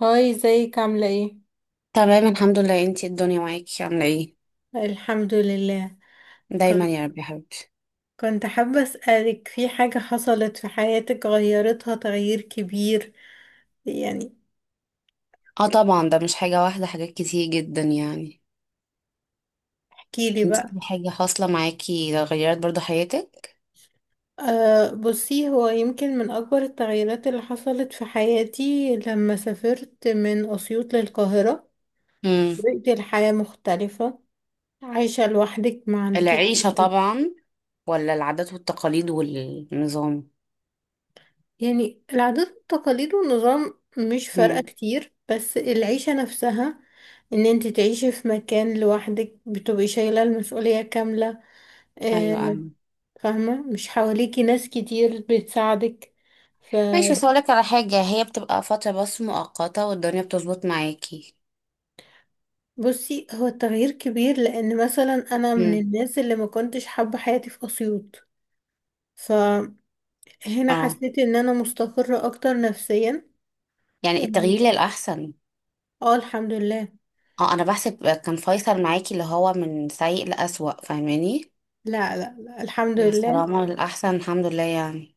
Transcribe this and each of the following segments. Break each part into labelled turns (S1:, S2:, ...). S1: هاي ازيك عاملة ايه؟
S2: تمام، الحمد لله. انتي الدنيا معاكي عاملة ايه؟
S1: الحمد لله.
S2: دايما يا
S1: كنت
S2: رب يا حبيبتي.
S1: كنت حابة أسألك في حاجة حصلت في حياتك غيرتها تغيير كبير. يعني
S2: اه طبعا، ده مش حاجة واحدة، حاجات كتير جدا يعني.
S1: احكيلي
S2: انتي
S1: بقى.
S2: في حاجة حاصلة معاكي غيرت برضو حياتك؟
S1: أه بصي، هو يمكن من أكبر التغييرات اللي حصلت في حياتي لما سافرت من أسيوط للقاهرة.
S2: امم.
S1: طريقة الحياة مختلفة، عايشة لوحدك، ما عندكيش
S2: العيشة طبعا. ولا العادات والتقاليد والنظام.
S1: يعني العادات والتقاليد والنظام مش فارقة
S2: امم.
S1: كتير، بس العيشة نفسها ان انت تعيشي في مكان لوحدك بتبقي شايلة المسؤولية كاملة.
S2: ايوه
S1: آه،
S2: ايوه.
S1: فاهمة، مش حواليكي ناس كتير بتساعدك.
S2: ماشي،
S1: فبصي،
S2: بس هقولك على حاجة، هي بتبقى فترة بس مؤقتة والدنيا بتظبط معاكي.
S1: هو التغيير كبير لان مثلا انا من
S2: امم.
S1: الناس اللي ما كنتش حابة حياتي في اسيوط، فهنا
S2: اه
S1: حسيت ان انا مستقرة اكتر نفسيا.
S2: يعني
S1: اه.
S2: التغيير للأحسن.
S1: آه، الحمد لله.
S2: اه انا بحسب كان فيصل معاكي اللي هو من سيء لأسوأ، فاهماني؟
S1: لا، لا، لا، الحمد
S2: مع
S1: لله.
S2: السلامة الأحسن الحمد لله يعني.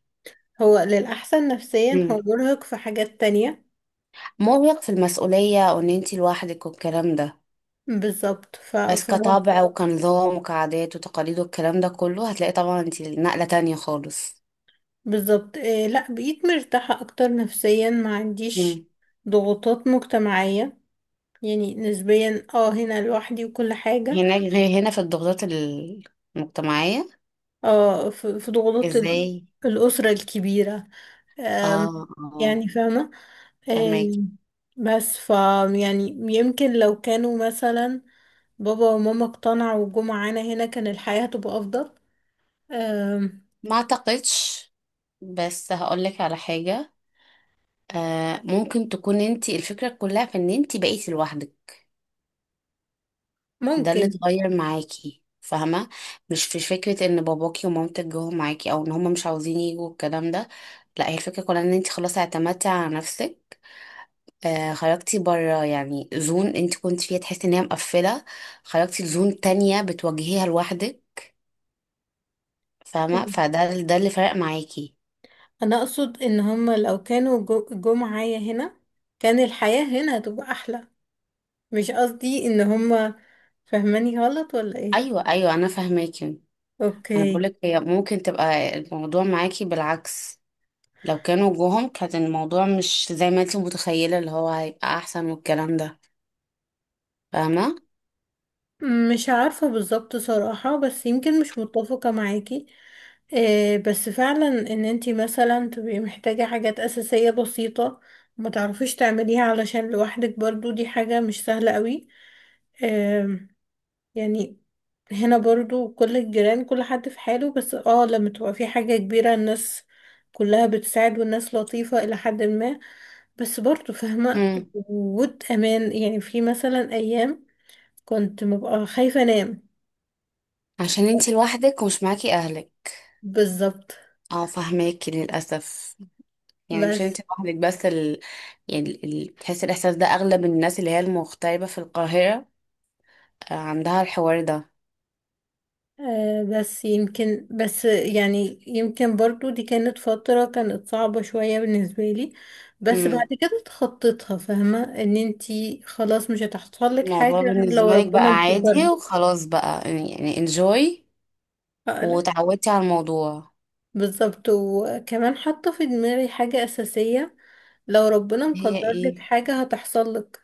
S1: هو للأحسن نفسيا،
S2: مم.
S1: هو مرهق في حاجات تانية.
S2: مرهق في المسؤولية، وإن أنتي لوحدك والكلام ده.
S1: بالظبط.
S2: بس كطبع وكنظام وكعادات وتقاليد والكلام ده كله هتلاقي طبعا أنتي نقلة تانية خالص.
S1: بالظبط إيه، لا، بقيت مرتاحة أكتر نفسيا، ما عنديش
S2: مم.
S1: ضغوطات مجتمعية، يعني نسبيا. اه، هنا لوحدي وكل حاجة.
S2: هناك غير هنا في الضغوطات المجتمعية.
S1: اه، في ضغوطات
S2: ازاي؟
S1: الأسرة الكبيرة. أم...
S2: اه اه.
S1: يعني فاهمة.
S2: فهمك.
S1: أم... بس ف يعني يمكن لو كانوا مثلا بابا وماما اقتنعوا وجم معانا هنا كان الحياة هتبقى أفضل. أم...
S2: ما اعتقدش، بس هقولك على حاجة، آه ممكن تكون أنتي الفكرة كلها في إن أنتي بقيتي لوحدك، ده اللي
S1: ممكن.
S2: اتغير معاكي، فاهمة؟ مش في فكرة ان باباكي ومامتك جوه معاكي او ان هما مش عاوزين يجوا الكلام ده. لا، هي الفكرة كلها ان انت خلاص اعتمدتي على نفسك، آه خرجتي بره، يعني زون انت كنت فيها تحسي ان هي مقفلة، خرجتي لزون تانية بتواجهيها لوحدك، فاهمة؟ فده ده اللي فرق معاكي.
S1: انا اقصد ان هما لو كانوا جو معايا هنا كان الحياة هنا هتبقى احلى. مش قصدي ان هما فهماني غلط ولا ايه.
S2: ايوه ايوه، انا فاهماكي. انا
S1: اوكي.
S2: بقولك هي ممكن تبقى الموضوع معاكي بالعكس، لو كانوا جوهم كان الموضوع مش زي ما انت متخيلة اللي هو هيبقى احسن والكلام ده، فاهمة؟
S1: مش عارفة بالظبط صراحة، بس يمكن مش متفقة معاكي. إيه، بس فعلا ان انتي مثلا تبقي محتاجة حاجات اساسية بسيطة ما تعرفيش تعمليها علشان لوحدك، برضو دي حاجة مش سهلة قوي يعني. هنا برضو كل الجيران كل حد في حاله، بس اه لما تبقى في حاجة كبيرة الناس كلها بتساعد، والناس لطيفة إلى حد ما، بس برضو فاهمة
S2: امم.
S1: وجود أمان، يعني في مثلا أيام كنت ببقى خايفة أنام.
S2: عشان انتي لوحدك ومش معاكي اهلك.
S1: بالظبط.
S2: اه فاهماكي للأسف. يعني مش
S1: بس
S2: انتي لوحدك بس يعني بتحسي الإحساس ده أغلب الناس اللي هي المغتربة في القاهرة، آه، عندها الحوار ده.
S1: آه، بس يمكن بس يعني يمكن برضو دي كانت فترة كانت صعبة شوية بالنسبة لي، بس
S2: امم.
S1: بعد كده اتخطيتها، فاهمة ان انتي خلاص مش هتحصل لك
S2: الموضوع
S1: حاجة غير لو
S2: بالنسبة لك بقى
S1: ربنا
S2: عادي
S1: مقدرها.
S2: وخلاص بقى يعني انجوي،
S1: آه، لا.
S2: وتعودتي على الموضوع.
S1: بالظبط، وكمان حاطة في دماغي حاجة أساسية، لو ربنا
S2: هي
S1: مقدر لك
S2: ايه؟
S1: حاجة هتحصل لك.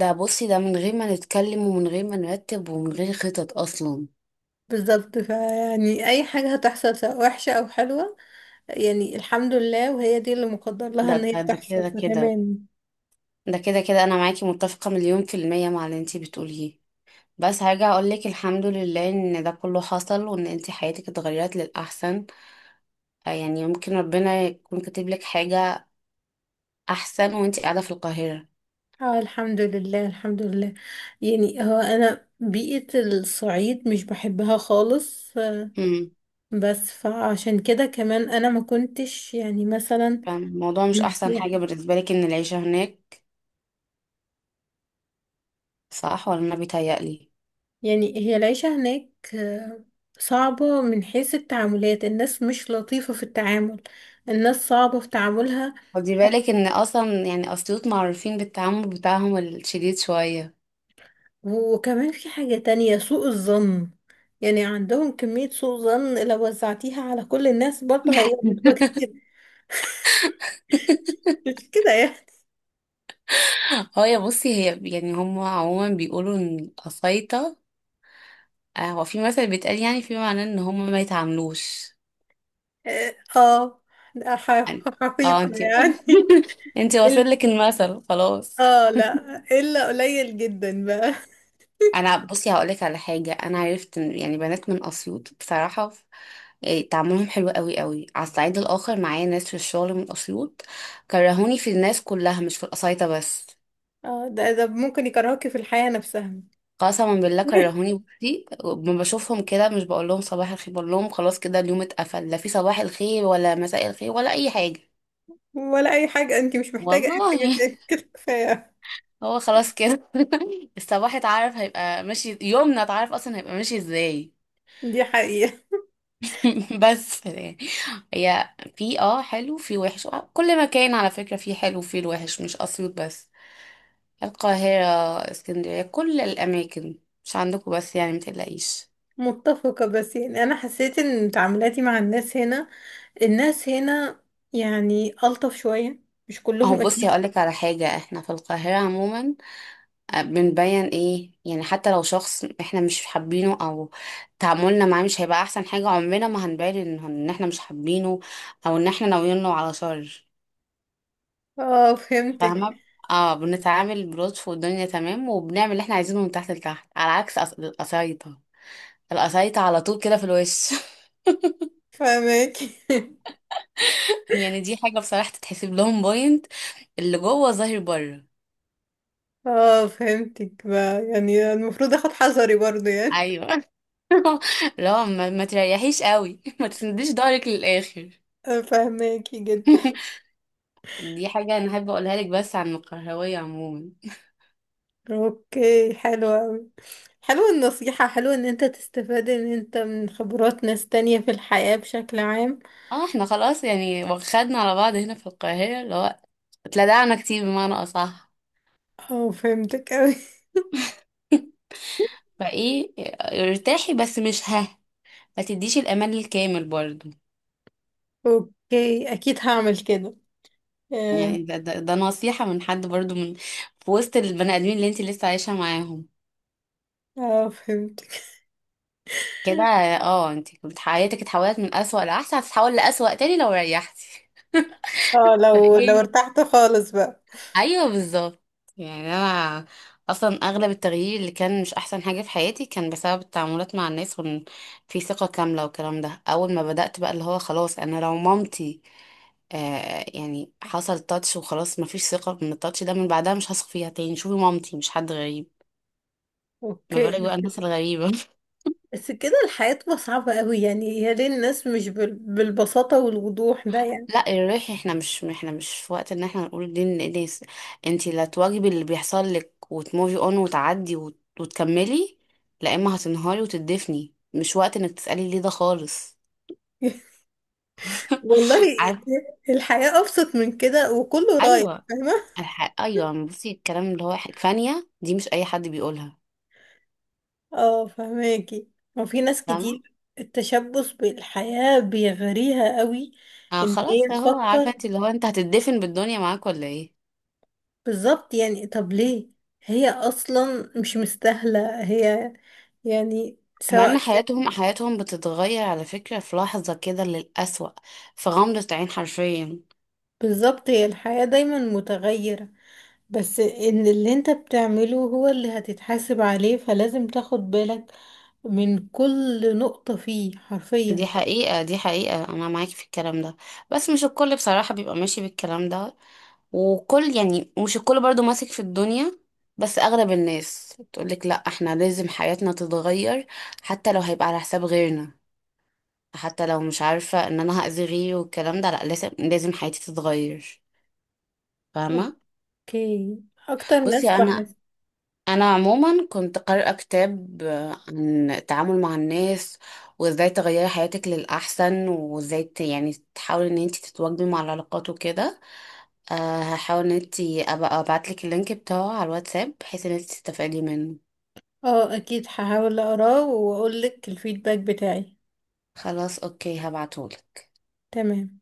S2: ده بصي، ده من غير ما نتكلم ومن غير ما نرتب ومن غير خطط أصلا.
S1: بالظبط، فيعني أي حاجة هتحصل سواء وحشة أو حلوة، يعني الحمد لله وهي دي اللي مقدر لها
S2: ده
S1: ان هي
S2: ده ده كده
S1: تحصل،
S2: كده.
S1: فتمام.
S2: ده كده كده، انا معاكي متفقة مليون في المية مع اللي انتي بتقوليه. بس هرجع اقولك الحمد لله ان ده كله حصل وان انتي حياتك اتغيرت للاحسن، آه، يعني ممكن ربنا يكون كاتب لك حاجة احسن وانتي قاعدة في القاهرة.
S1: اه، الحمد لله الحمد لله. يعني هو انا بيئة الصعيد مش بحبها خالص. آه،
S2: امم.
S1: بس فعشان كده كمان انا ما كنتش يعني مثلا
S2: فالموضوع مش احسن حاجة
S1: مرتاحة.
S2: بالنسبة لك ان العيشة هناك، صح ولا انا بيتهيألي؟
S1: يعني هي العيشة هناك آه، صعبة من حيث التعاملات، الناس مش لطيفة في التعامل، الناس صعبة في تعاملها.
S2: خدي
S1: حت-
S2: بالك ان اصلا يعني اسيوط معروفين بالتعامل بتاعهم الشديد شوية.
S1: وكمان في حاجة تانية، سوء الظن، يعني عندهم كمية سوء ظن لو وزعتيها على كل الناس برضه هيبقى كتير، مش كده يعني.
S2: اه يا بصي هي، يعني هم عموما بيقولوا ان الأسيطة، آه، هو في مثل بيتقال يعني في معناه ان هم ما يتعاملوش
S1: اه، لا،
S2: يعني. اه
S1: حقيقة
S2: انتي
S1: يعني.
S2: انتي
S1: ال-
S2: واصل لك المثل خلاص.
S1: اه لا، الا قليل جدا بقى.
S2: انا بصي هقولك على حاجه، انا عرفت ان يعني بنات من اسيوط بصراحه، إيه، تعاملهم حلو قوي قوي. على الصعيد الاخر معايا ناس في الشغل من اسيوط كرهوني في الناس كلها مش في القصايطه بس.
S1: اه، ده ممكن يكرهكي في الحياة نفسها.
S2: قسما بالله كرهوني، بصي ما بشوفهم كده مش بقول لهم صباح الخير، بقول لهم خلاص كده اليوم اتقفل، لا في صباح الخير ولا مساء الخير ولا اي حاجه.
S1: ولا اي حاجة، انت مش محتاجة اي
S2: والله.
S1: حاجة تاني، كده كفاية.
S2: هو خلاص كده. الصباح اتعرف هيبقى ماشي، يومنا اتعرف اصلا هيبقى ماشي ازاي.
S1: دي حقيقة.
S2: بس يعني، هي في اه حلو في وحش، آه، كل مكان على فكرة فيه حلو وفيه الوحش، مش اسيوط بس، القاهرة، اسكندرية، كل الاماكن، مش عندكم بس يعني، متقلقيش.
S1: متفقة، بس يعني انا حسيت ان تعاملاتي مع الناس هنا، الناس هنا يعني الطف شوية، مش
S2: اهو
S1: كلهم
S2: بصي
S1: اكيد.
S2: هقولك على حاجة، احنا في القاهرة عموما، آه، بنبين ايه يعني، حتى لو شخص احنا مش حابينه او تعاملنا معاه مش هيبقى احسن حاجة، عمرنا ما هنبين ان احنا مش حابينه او ان احنا ناويين له على شر،
S1: اه، فهمتك.
S2: فاهمة؟ اه بنتعامل بلطف والدنيا تمام وبنعمل اللي احنا عايزينه من تحت لتحت، على عكس القسايطة، القسايطة على طول كده في الوش.
S1: فهمك.
S2: يعني دي حاجة بصراحة تتحسب لهم بوينت، اللي جوه ظاهر بره.
S1: اه، فهمتك بقى، يعني المفروض اخد حذري برضه يعني.
S2: ايوه. لا ما تريحيش قوي، ما تسنديش ضهرك للاخر.
S1: فاهماكي جدا.
S2: دي حاجة أنا حابة أقولها لك بس عن القهوية عموما.
S1: اوكي، حلو اوي، حلو النصيحة، حلو ان انت تستفاد ان انت من خبرات ناس تانية في الحياة بشكل عام.
S2: اه احنا خلاص يعني واخدنا على بعض هنا في القاهرة اللي هو اتلدعنا كتير بمعنى أصح.
S1: اه، فهمتك اوي.
S2: فايه، ارتاحي بس مش ها، ما تديش الأمان الكامل برضو.
S1: اوكي، اكيد هعمل كده. اه.
S2: يعني ده نصيحة من حد برضو، من في وسط البني آدمين اللي انت لسه عايشة معاهم
S1: آه، فهمتك.
S2: كده. اه انت كنت حياتك اتحولت من أسوأ لأحسن، هتتحول لأسوأ تاني لو ريحتي.
S1: اه، لو
S2: فايه،
S1: ارتحت خالص بقى.
S2: ايوه بالظبط. يعني انا اصلا اغلب التغيير اللي كان مش احسن حاجه في حياتي كان بسبب التعاملات مع الناس، وان في ثقه كامله والكلام ده. اول ما بدات بقى اللي هو خلاص انا لو مامتي، آه يعني حصل تاتش وخلاص مفيش ثقه، من التاتش ده من بعدها مش هثق فيها تاني. شوفي مامتي مش حد غريب، ما
S1: اوكي.
S2: بالك بقى الناس الغريبه.
S1: بس كده الحياة تبقى صعبة اوي، يعني يا ليه الناس مش بالبساطة والوضوح ده يعني.
S2: لا الريح، احنا مش في وقت ان احنا نقول دي للناس. انتي لا تواجبي اللي بيحصل لك وتموفي اون وتعدي وتكملي. لا اما هتنهاري وتدفني مش وقت انك تسألي ليه ده خالص.
S1: والله
S2: عارف.
S1: الحياة ابسط من كده، وكله رايح،
S2: ايوه
S1: فاهمة.
S2: ايوه بصي الكلام اللي هو فانية دي مش اي حد بيقولها.
S1: اه، فهماكي. وفي ناس
S2: فاهمه.
S1: كتير التشبث بالحياة بيغريها قوي،
S2: آه
S1: ان هي
S2: خلاص اهو عارفه
S1: تفكر.
S2: انت اللي هو انت هتدفن بالدنيا معاك ولا ايه.
S1: بالظبط، يعني طب ليه، هي اصلا مش مستاهلة هي، يعني
S2: ومع
S1: سواء
S2: ان حياتهم بتتغير على فكره في لحظه كده للأسوأ، في غمضه عين حرفيا.
S1: بالظبط، هي الحياة دايما متغيرة، بس ان اللي انت بتعمله هو اللي هتتحاسب عليه، فلازم تاخد بالك من كل نقطة فيه
S2: دي
S1: حرفيا.
S2: حقيقة دي حقيقة، أنا معاكي في الكلام ده. بس مش الكل بصراحة بيبقى ماشي بالكلام ده، وكل يعني مش الكل برضو ماسك في الدنيا. بس أغلب الناس تقولك لأ احنا لازم حياتنا تتغير، حتى لو هيبقى على حساب غيرنا، حتى لو مش عارفة إن أنا هأذي غيري والكلام ده، لأ لازم لازم حياتي تتغير، فاهمة؟
S1: اوكي. اكتر ناس
S2: بصي أنا،
S1: بحس.
S2: أنا عموما كنت قارئة كتاب، آه، عن التعامل مع الناس وازاي تغيري حياتك للأحسن وازاي يعني تحاولي ان انت تتواجدي مع العلاقات وكده. أه هحاول ان انت ابقى ابعتلك اللينك بتاعه على الواتساب بحيث ان انت تستفادي منه.
S1: اه، اكيد هحاول اقراه واقول لك الفيدباك بتاعي.
S2: خلاص اوكي هبعتهولك.
S1: تمام.